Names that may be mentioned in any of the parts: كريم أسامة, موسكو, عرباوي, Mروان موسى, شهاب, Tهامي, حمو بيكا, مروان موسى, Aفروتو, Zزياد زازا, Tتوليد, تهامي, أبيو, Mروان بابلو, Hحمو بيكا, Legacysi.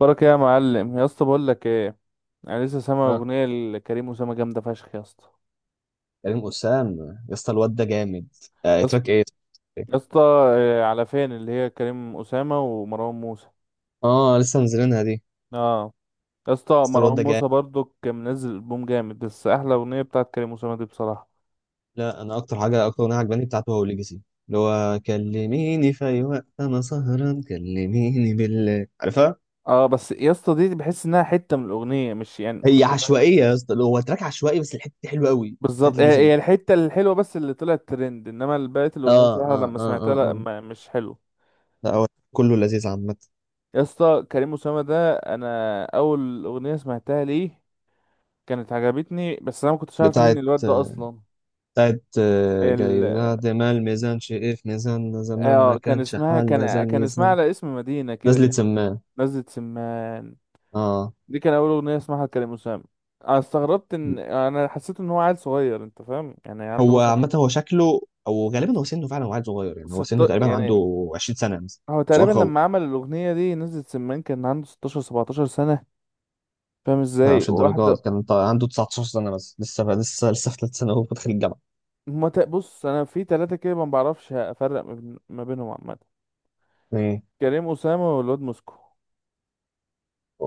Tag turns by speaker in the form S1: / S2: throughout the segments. S1: بركة يا معلم يا اسطى بقول لك ايه. انا لسه سامع
S2: اه.
S1: اغنيه لكريم اسامه جامده فشخ يا اسطى.
S2: كريم أسام. يا اسطى الواد ده جامد. آه،
S1: يا اسطى
S2: تراك ايه؟
S1: يا اسطى، آه، على فين اللي هي كريم اسامه ومروان موسى؟
S2: اه، لسه منزلينها دي يا
S1: اه، يا اسطى
S2: اسطى. الواد
S1: مروان
S2: ده جامد.
S1: موسى برضو كان منزل البوم جامد، بس احلى اغنيه بتاعت كريم اسامه دي بصراحه.
S2: لا، انا اكتر اغنيه عجباني بتاعته هو ليجاسي، اللي هو كلميني في اي وقت انا سهران، كلميني بالله، عارفها.
S1: اه بس يا اسطى دي بحس انها حته من الاغنيه، مش يعني
S2: هي
S1: انت فاهم.
S2: عشوائيه يا اسطى، هو تراك عشوائي بس الحته دي حلوه قوي، بتاعت
S1: بالظبط، هي
S2: ليجاسي دي.
S1: هي الحته الحلوه بس اللي طلعت ترند، انما بقيه
S2: اه
S1: الاغنيه بصراحه
S2: اه
S1: لما
S2: اه
S1: سمعتها
S2: اه
S1: لا،
S2: اه.
S1: ما مش حلو.
S2: لا هو كله لذيذ عامه.
S1: يا اسطى كريم اسامه ده انا اول اغنيه سمعتها ليه كانت عجبتني، بس انا ما كنتش عارف مين
S2: بتاعت
S1: الواد ده اصلا.
S2: بتاعت
S1: ال...
S2: جايزة ما الميزان شقف ميزاننا زمان ما
S1: آه كان
S2: كانش
S1: اسمها،
S2: حالنا
S1: كان
S2: زان
S1: كان اسمها
S2: يزن.
S1: على اسم مدينة كده،
S2: نزلت
S1: كان
S2: سمان.
S1: نزلة سمان.
S2: اه.
S1: دي كان اول اغنية اسمها لكريم أسامة. انا استغربت ان انا حسيت ان هو عيل صغير، انت فاهم، يعني عنده
S2: هو
S1: مثلا
S2: عامة هو شكله، أو غالبا هو سنه فعلا وعيل صغير، يعني هو
S1: ست
S2: سنه تقريبا
S1: يعني.
S2: عنده 20 سنة مثلا.
S1: هو
S2: صغير
S1: تقريبا
S2: خالص.
S1: لما عمل الاغنية دي نزلة سمان كان عنده 16 17 سنة. فاهم
S2: لا
S1: ازاي
S2: مش الدرجات،
S1: واحدة؟
S2: كان عنده 19 سنة بس لسه، في ثالث سنة وهو داخل الجامعة.
S1: ما ت- بص، انا في ثلاثة كده ما بعرفش افرق ما بينهم عامة.
S2: مم.
S1: كريم أسامة والواد موسكو،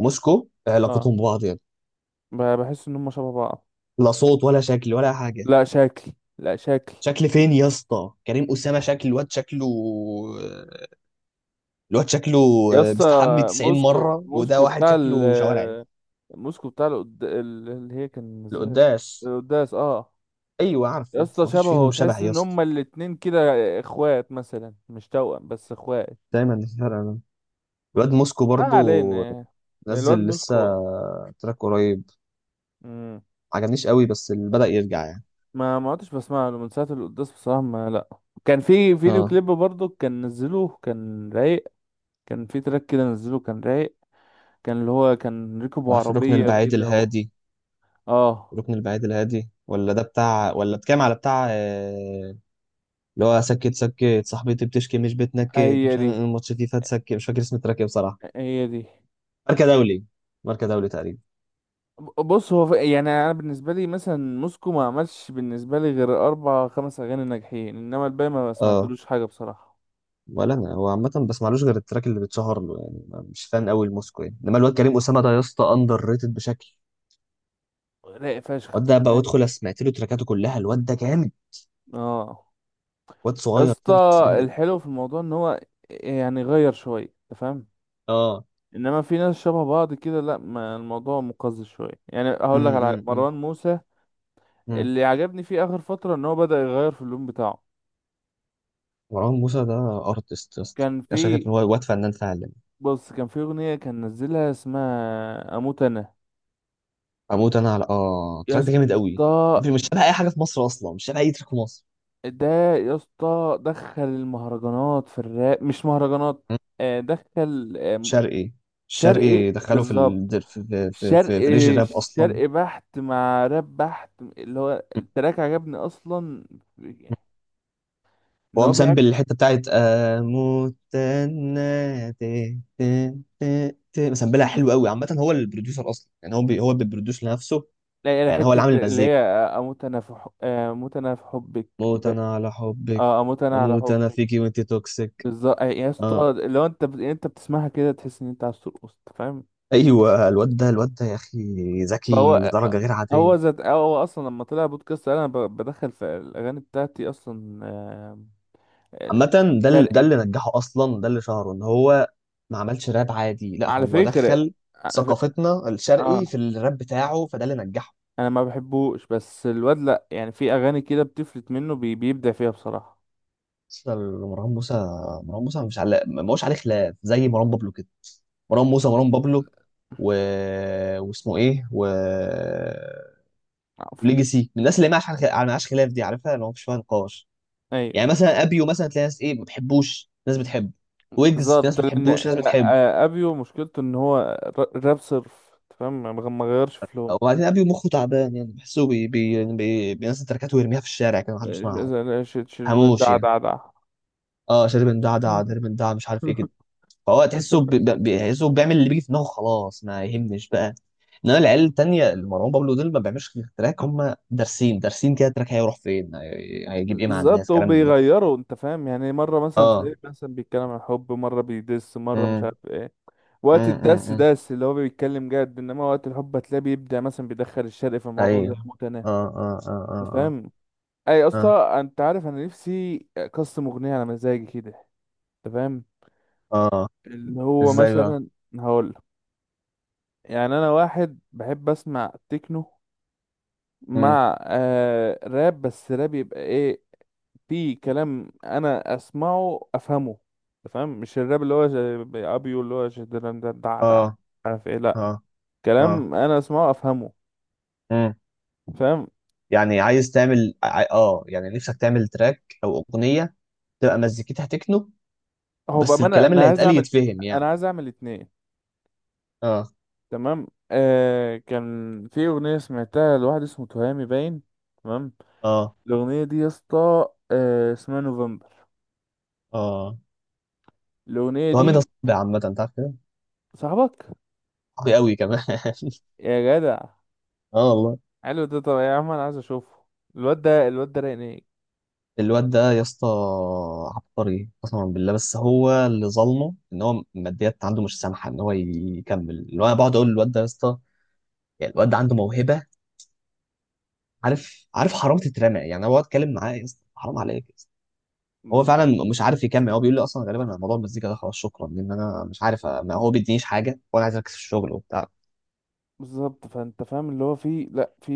S2: موسكو
S1: اه،
S2: علاقتهم ببعض يعني؟
S1: بحس ان هم شبه بعض.
S2: لا صوت ولا شكل ولا حاجة.
S1: لا شكل، لا شكل
S2: شكل فين يا اسطى؟ كريم أسامة شكل، الواد شكله، الواد شكله
S1: يا اسطى.
S2: بيستحمي 90
S1: موسكو
S2: مرة، وده
S1: موسكو
S2: واحد
S1: بتاع
S2: شكله شوارعي.
S1: ال، موسكو بتاع اللي هي كان منزلها
S2: القداس.
S1: القداس، اه.
S2: أيوه
S1: يا
S2: عارفه،
S1: اسطى
S2: مفيش
S1: شبهه،
S2: فيهم شبه
S1: تحس
S2: يا
S1: ان
S2: اسطى.
S1: هما الاتنين كده اخوات مثلا، مش توأم بس اخوات.
S2: دايما الفرق. الواد موسكو
S1: ما
S2: برضو
S1: علينا. الواد
S2: نزل لسه
S1: موسكو.
S2: تراك قريب،
S1: مم.
S2: عجبنيش قوي بس اللي بدأ يرجع يعني.
S1: ما عدتش بسمع له من ساعة القداس بصراحة، ما لا. كان في فيديو
S2: اه.
S1: كليب برضه كان نزله كان رايق، كان في تراك كده نزله كان رايق، كان اللي هو كان ركبوا
S2: في الركن
S1: عربية
S2: البعيد
S1: كده و...
S2: الهادي.
S1: اه،
S2: الركن البعيد الهادي، ولا ده بتاع، ولا بتكلم على بتاع اللي هو سكت سكت صاحبتي، بتشكي مش بتنكد،
S1: هي
S2: مش عارف،
S1: دي،
S2: الماتش فيفا تسكت، مش فاكر اسم التراك ايه بصراحة.
S1: هي دي.
S2: ماركة دولي، ماركة دولي تقريبا.
S1: بص، يعني انا بالنسبه لي مثلا موسكو ما عملش بالنسبه لي غير اربع خمس اغاني ناجحين، انما الباقي ما
S2: اه.
S1: سمعتلوش حاجه بصراحه.
S2: ولا انا، هو عامة بسمعلوش غير التراك اللي بتشهر له يعني، مش فان قوي لموسكو يعني، انما الواد كريم اسامة ده يا اسطى اندر ريتد بشكل.
S1: رايق فشخ
S2: الواد ده بقى
S1: بأمانة.
S2: ادخل سمعت له تراكاته كلها، الواد ده جامد.
S1: اه
S2: واد
S1: يا
S2: صغير
S1: اسطى،
S2: كده بس جامد قوي.
S1: الحلو في الموضوع ان هو يعني غير شويه، انت فاهم،
S2: اه.
S1: انما في ناس شبه بعض كده لا، ما الموضوع مقزز شويه. يعني هقول لك على
S2: امم.
S1: مروان موسى،
S2: امم.
S1: اللي عجبني فيه اخر فتره ان هو بدأ يغير في اللون بتاعه.
S2: مروان موسى ده ارتست يا اسطى،
S1: كان
S2: ده شايف
S1: في
S2: ان هو واد فنان فعلا.
S1: بص، كان في اغنيه كان نزلها اسمها اموت انا.
S2: اموت انا، على
S1: يا
S2: التراك ده جامد قوي،
S1: اسطى
S2: مفيش، مش شبه اي حاجه في مصر اصلا، مش شبه اي تراك في مصر.
S1: ده، يا اسطى دخل المهرجانات في الراب، مش مهرجانات،
S2: مم.
S1: آه، دخل آه،
S2: شرقي.
S1: شرقي
S2: الشرقي دخله
S1: بالظبط.
S2: في في في, في,
S1: شرقي،
S2: في ريج راب اصلا.
S1: شرقي بحت مع راب بحت، اللي هو التراك عجبني اصلا
S2: مم.
S1: ان
S2: هو
S1: هو
S2: مسامبل
S1: بيعكس.
S2: الحته بتاعت اموت انا، تي- تي- تي- تي. مسامبلها حلو قوي عامه، هو البروديوسر اصلا، يعني هو بيبروديوس لنفسه،
S1: لا، لا،
S2: يعني هو اللي عامل
S1: حتة اللي هي
S2: المزيكا.
S1: آه، اموت انا في حب، آه، اموت انا في حبك،
S2: موت
S1: ب-
S2: انا على حبك،
S1: اه اموت انا على
S2: اموت انا
S1: حبك.
S2: فيكي وانت توكسيك.
S1: بالظبط، آه، يا
S2: اه.
S1: اسطى لو انت انت بتسمعها كده تحس ان انت عايز ترقص، أنت فاهم.
S2: ايوه الواد ده، يا اخي ذكي
S1: فهو،
S2: لدرجه غير عاديه.
S1: هو ذات، هو اصلا لما طلع بودكاست انا بدخل في الاغاني بتاعتي اصلا، آه،
S2: عامه ده
S1: شرقي.
S2: اللي نجحه اصلا، ده اللي شهره ان هو ما عملش راب عادي، لا
S1: على
S2: هو
S1: فكره،
S2: دخل
S1: على ف...
S2: ثقافتنا،
S1: اه
S2: الشرقي في الراب بتاعه، فده اللي نجحه.
S1: انا ما بحبوش، بس الواد لا، يعني في اغاني كده بتفلت منه بيبدع فيها بصراحه.
S2: اصلا مروان موسى، مش على ما هوش عليه خلاف زي مروان بابلو كده. مروان موسى، مروان بابلو، و... واسمه ايه،
S1: عفو.
S2: ليجاسي، من الناس اللي ما عاش ما عاش خلاف، دي عارفها اللي هو مش فيها نقاش. يعني
S1: ايوه،
S2: مثلا ابيو، مثلا تلاقي ناس ايه ما بتحبوش، ناس بتحبه. ويجز في ناس
S1: بالظبط
S2: ما
S1: لان
S2: بتحبوش، في ناس
S1: لا،
S2: بتحبه.
S1: آه، ابيو مشكلته ان هو راب صرف، أنت فاهم، ما غيرش في لون.
S2: وبعدين ابيو مخه تعبان، يعني بحسه بي بي يعني بينزل تركات ويرميها في الشارع كده، محدش
S1: إيش-
S2: بيسمعها،
S1: إذا- إيش- إيش-
S2: هموش
S1: ده
S2: يعني.
S1: ده ده
S2: اه شارب دعدع، شارب دع، مش عارف ايه كده، فهو تحسه، بيحسه بيعمل اللي بيجي في دماغه خلاص، ما يهمش بقى. انما العيال التانية، اللي مروان بابلو دول، ما بيعملوش غير تراك هم دارسين، دارسين كده التراك هيروح فين، هيجيب ايه مع
S1: بالظبط،
S2: الناس، كلام من ده.
S1: وبيغيروا انت فاهم، يعني مره مثلا
S2: اه.
S1: تلاقيه مثلا بيتكلم عن الحب، مره بيدس، مره مش عارف
S2: امم.
S1: ايه. وقت
S2: امم. امم.
S1: الدس
S2: إمم.
S1: دس اللي هو بيتكلم جد، انما وقت الحب هتلاقيه بيبدع، مثلا بيدخل الشرق في الموضوع زي
S2: ايوه.
S1: متناه،
S2: اه اه اه اه.
S1: انت
S2: اه.
S1: فاهم. اي
S2: آه.
S1: اصلا انت عارف، انا نفسي اقسم اغنيه على مزاجي كده، انت فاهم.
S2: اه.
S1: اللي هو
S2: ازاي بقى؟
S1: مثلا هقول، يعني انا واحد بحب اسمع تكنو
S2: امم.
S1: مع آه راب، بس راب يبقى ايه؟ في كلام انا اسمعه افهمه، أنت فاهم، مش الراب اللي هو زي ابيو اللي هو ده دع دع،
S2: اه
S1: عارف ايه، لا
S2: اه اه.
S1: كلام انا اسمعه افهمه،
S2: امم.
S1: فاهم.
S2: يعني عايز تعمل، يعني نفسك تعمل تراك او اغنيه تبقى مزيكتها تكنو،
S1: هو
S2: بس
S1: بامانه
S2: الكلام اللي
S1: انا عايز
S2: هيتقال
S1: اعمل،
S2: يتفهم يعني؟
S1: اتنين،
S2: اه
S1: تمام. آه كان في اغنيه سمعتها لواحد اسمه تهامي باين، تمام.
S2: اه
S1: الاغنيه دي يا اسطى آه اسمها نوفمبر.
S2: اه.
S1: الاغنيه
S2: وهمي ده
S1: دي
S2: صعب عامه، انت عارف كده،
S1: صاحبك
S2: صعب قوي كمان.
S1: يا جدع،
S2: اه والله.
S1: حلو ده، طب يا عم انا عايز اشوفه. الواد ده رايق.
S2: الواد ده يا اسطى عبقري قسما بالله، بس هو اللي ظلمه ان هو الماديات عنده مش سامحه ان هو يكمل، اللي هو انا بقعد اقول للواد ده يا اسطى، يعني الواد ده عنده موهبه، عارف حرام تترمى يعني، هو اتكلم معاه يا اسطى، حرام عليك يا اسطى. هو فعلا مش عارف يكمل، هو بيقول لي اصلا غالبا انا موضوع المزيكا ده خلاص شكرا، لان انا مش عارف، ما هو بيدينيش حاجه وانا عايز اركز في الشغل وبتاع.
S1: بالظبط، فانت فاهم اللي هو في لا في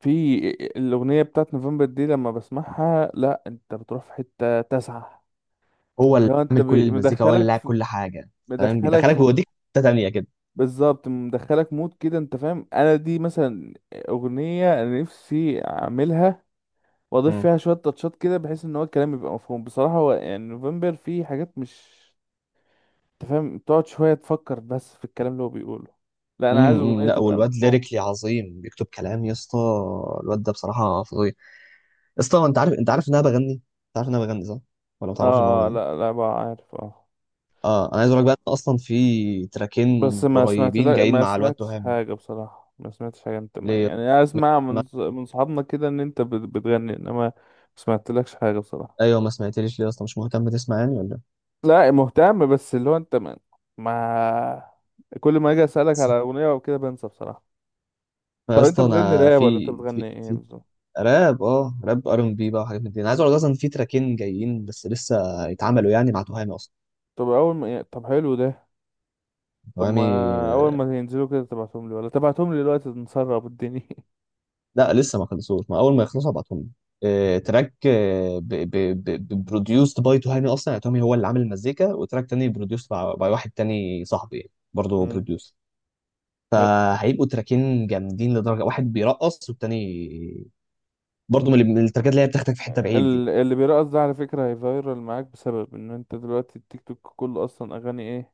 S1: في الاغنيه بتاعت نوفمبر دي لما بسمعها لا، انت بتروح في حته تسعة.
S2: هو اللي
S1: اللي هو انت
S2: عامل كل المزيكا، هو اللي لاعب كل حاجه. فاهم،
S1: مدخلك
S2: بيدخلك،
S1: في،
S2: بيوديك في حته تانيه كده.
S1: بالظبط، مدخلك مود كده انت فاهم. انا دي مثلا اغنيه انا نفسي اعملها، واضيف
S2: امم.
S1: فيها شويه تاتشات كده بحيث ان هو الكلام يبقى مفهوم بصراحه. هو يعني نوفمبر فيه حاجات مش، انت فاهم، تقعد شويه تفكر بس في الكلام اللي هو بيقوله. لا انا عايز
S2: امم.
S1: اغنيه
S2: لا
S1: تبقى
S2: والواد
S1: مفهوم.
S2: ليريكلي عظيم، بيكتب كلام يا اسطى، الواد ده بصراحه فظيع يا اسطى. انت عارف، ان انا بغني؟ انت عارف ان انا بغني صح، ولا ما تعرفش
S1: اه،
S2: المعلومه
S1: آه،
S2: دي؟
S1: لا بقى عارف، اه.
S2: اه، انا عايز اقول لك بقى إن اصلا في تراكين
S1: بس ما سمعت
S2: قريبين
S1: لا،
S2: جايين
S1: ما
S2: مع الواد
S1: سمعتش
S2: تهامي.
S1: حاجة بصراحة، ما سمعتش حاجة. انت ما
S2: ليه؟
S1: يعني، اسمع
S2: ما...
S1: من من صحابنا كده ان انت بتغني، انما ما سمعتلكش حاجة بصراحة.
S2: ايوه، ما سمعتليش ليه اصلا؟ مش مهتم تسمعني ولا ايه؟
S1: لا مهتم، بس اللي هو انت ما كل ما اجي اسألك على اغنية او كده بنسى بصراحة.
S2: ما
S1: طب انت
S2: اصلا
S1: بتغني
S2: انا
S1: راب ولا انت بتغني ايه
S2: في
S1: بالظبط؟
S2: راب. اه راب، ار ام بي بقى، وحاجات من دي، انا عايز اقول لك اصلا في تراكين جايين بس لسه يتعملوا يعني، مع تهامي اصلا.
S1: طب اول ما يعني- طب حلو ده. طب ما
S2: تهامي.
S1: اول ما ينزلوا كده تبعتهم لي، ولا تبعتهم لي دلوقتي نسرب الدنيا؟
S2: لا لسه ما خلصوش، ما اول ما يخلصوا هبعتهم لك. تراك بروديوسد باي تهامي اصلا، يعني تهامي هو اللي عامل المزيكا، وتراك تاني بروديوسد باي واحد تاني صاحبي، يعني برضه
S1: مم.
S2: بروديوسر. فهيبقوا تراكين جامدين لدرجه، واحد بيرقص، والتاني برضه من التركات اللي هي بتاخدك في حته بعيد دي.
S1: اللي بيرقص ده على فكرة هيفايرال معاك، بسبب ان انت دلوقتي التيك توك كله اصلا اغاني ايه؟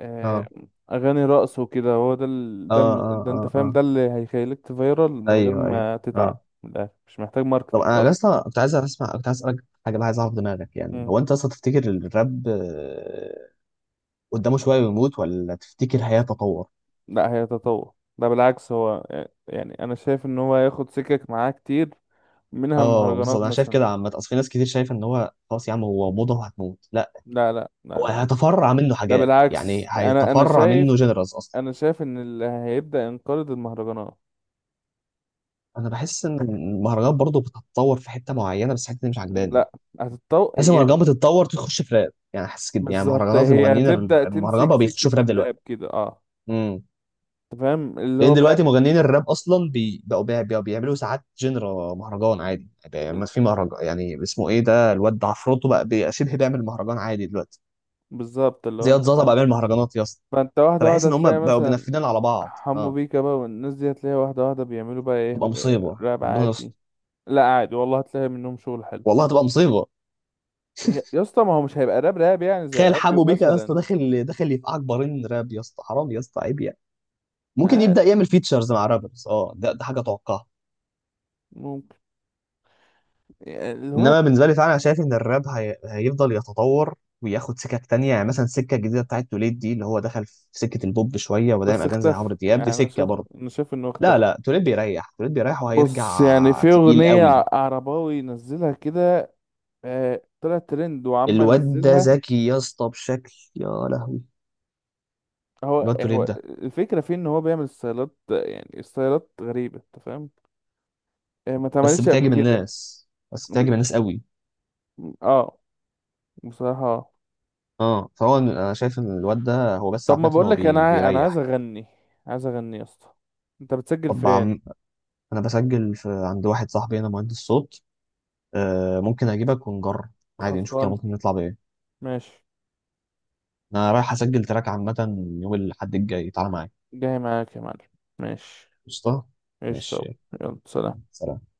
S1: آه،
S2: اه
S1: اغاني رقص وكده، هو ده
S2: اه اه
S1: ده انت
S2: اه
S1: فاهم،
S2: اه.
S1: ده اللي هيخليك تفايرال من غير
S2: ايوه ايوه.
S1: ما
S2: اه.
S1: تتعب من الآخر. مش محتاج
S2: طب
S1: ماركتينج
S2: انا
S1: اصلا.
S2: لسه، كنت عايز اسالك حاجه بقى، عايز اعرف دماغك يعني،
S1: مم.
S2: هو انت اصلا تفتكر الراب قدامه شويه ويموت، ولا تفتكر هيتطور؟
S1: لا هيتطور، ده بالعكس هو آه، يعني انا شايف ان هو هياخد سكك معاه كتير، منها
S2: اه
S1: المهرجانات
S2: بالظبط، انا شايف
S1: مثلا.
S2: كده عامه، اصل في ناس كتير شايفه ان هو خلاص يا عم هو موضه وهتموت، لا
S1: لا، لا، لا,
S2: هو
S1: لا.
S2: هيتفرع منه
S1: ده
S2: حاجات، يعني
S1: بالعكس،
S2: هيتفرع منه جنرالز اصلا.
S1: انا شايف ان اللي هيبدأ ينقرض المهرجانات.
S2: انا بحس ان المهرجانات برضه بتتطور في حته معينه، بس الحته دي مش عجباني،
S1: لا هتتطور،
S2: حاسس إن المهرجانات بتتطور تخش في راب يعني، حاسس كده، يعني
S1: بالظبط،
S2: مهرجانات،
S1: هي تبدأ
S2: المهرجان
S1: تمسك
S2: بقى بيخشوا في
S1: سكة
S2: راب دلوقتي.
S1: الراب كده، اه،
S2: امم.
S1: انت فاهم اللي
S2: لان
S1: هو بقى،
S2: دلوقتي مغنيين الراب اصلا، بقوا بيعملوا ساعات جنرا مهرجان عادي، يعني ما في مهرجان يعني اسمه ايه، ده الواد ده عفروتو بقى شبه بيعمل مهرجان عادي دلوقتي،
S1: بالظبط اللي هو
S2: زياد
S1: انت
S2: زازا بقى
S1: فاهم.
S2: بيعمل مهرجانات يا اسطى،
S1: فانت واحدة
S2: فبحس
S1: واحدة
S2: ان هم
S1: تلاقي
S2: بقوا
S1: مثلا
S2: بينفذين على بعض.
S1: حمو
S2: اه.
S1: بيكا بقى والناس دي، هتلاقي واحدة واحدة بيعملوا بقى ايه،
S2: تبقى مصيبه،
S1: راب
S2: ربنا يستر.
S1: عادي. لا عادي والله، هتلاقي منهم شغل حلو.
S2: والله هتبقى مصيبه،
S1: يا اسطى ما هو مش هيبقى راب راب، يعني زي
S2: تخيل
S1: ابيو
S2: حمو بيكا يا اسطى
S1: مثلا.
S2: داخل، داخل يفقعك بارين راب يا اسطى، حرام يا اسطى، عيب يعني. ممكن
S1: اه
S2: يبدا يعمل فيتشرز مع رابرز، اه ده حاجه اتوقعها.
S1: ممكن، يعني اللي هو،
S2: انما بالنسبه لي فعلا انا شايف ان الراب هيفضل يتطور، وياخد سكك تانية، يعني مثلا السكه الجديده بتاعت توليد دي، اللي هو دخل في سكه البوب شويه، ودايم
S1: بس
S2: اغاني زي
S1: اختفى.
S2: عمرو دياب، دي
S1: يعني انا
S2: سكه
S1: شايف،
S2: برضه.
S1: انه
S2: لا
S1: اختفى.
S2: لا، توليد بيريح، توليد بيريح،
S1: بص، يعني
S2: وهيرجع
S1: في
S2: تقيل
S1: اغنية
S2: قوي.
S1: عرباوي نزلها كده، آه، طلعت ترند وعم
S2: الواد ده
S1: نزلها.
S2: ذكي يا اسطى بشكل يا لهوي،
S1: هو
S2: الواد
S1: هو
S2: توليد ده،
S1: الفكرة فيه ان هو بيعمل ستايلات، يعني ستايلات غريبة انت فاهم، آه، ما
S2: بس
S1: اتعملتش قبل
S2: بتعجب
S1: كده.
S2: الناس، بس
S1: ب...
S2: بتعجب الناس قوي.
S1: اه بصراحة، آه.
S2: اه، فهو انا شايف ان الواد ده، هو بس
S1: طب ما
S2: عامه هو
S1: بقولك انا انا عايز
S2: بيريح.
S1: اغني، عايز اغني يا اسطى. انت بتسجل
S2: طب
S1: فين؟
S2: عم... انا بسجل عند واحد صاحبي هنا مهندس صوت، ممكن اجيبك ونجرب، عادي نشوف كده،
S1: خلصان،
S2: ممكن نطلع بايه.
S1: ماشي،
S2: انا رايح اسجل تراك عامه يوم الاحد الجاي، تعالى معايا.
S1: جاي معاك يا معلم، ماشي.
S2: قشطه.
S1: ايش؟
S2: ماشي.
S1: يلا، سلام.
S2: يلا، سلام.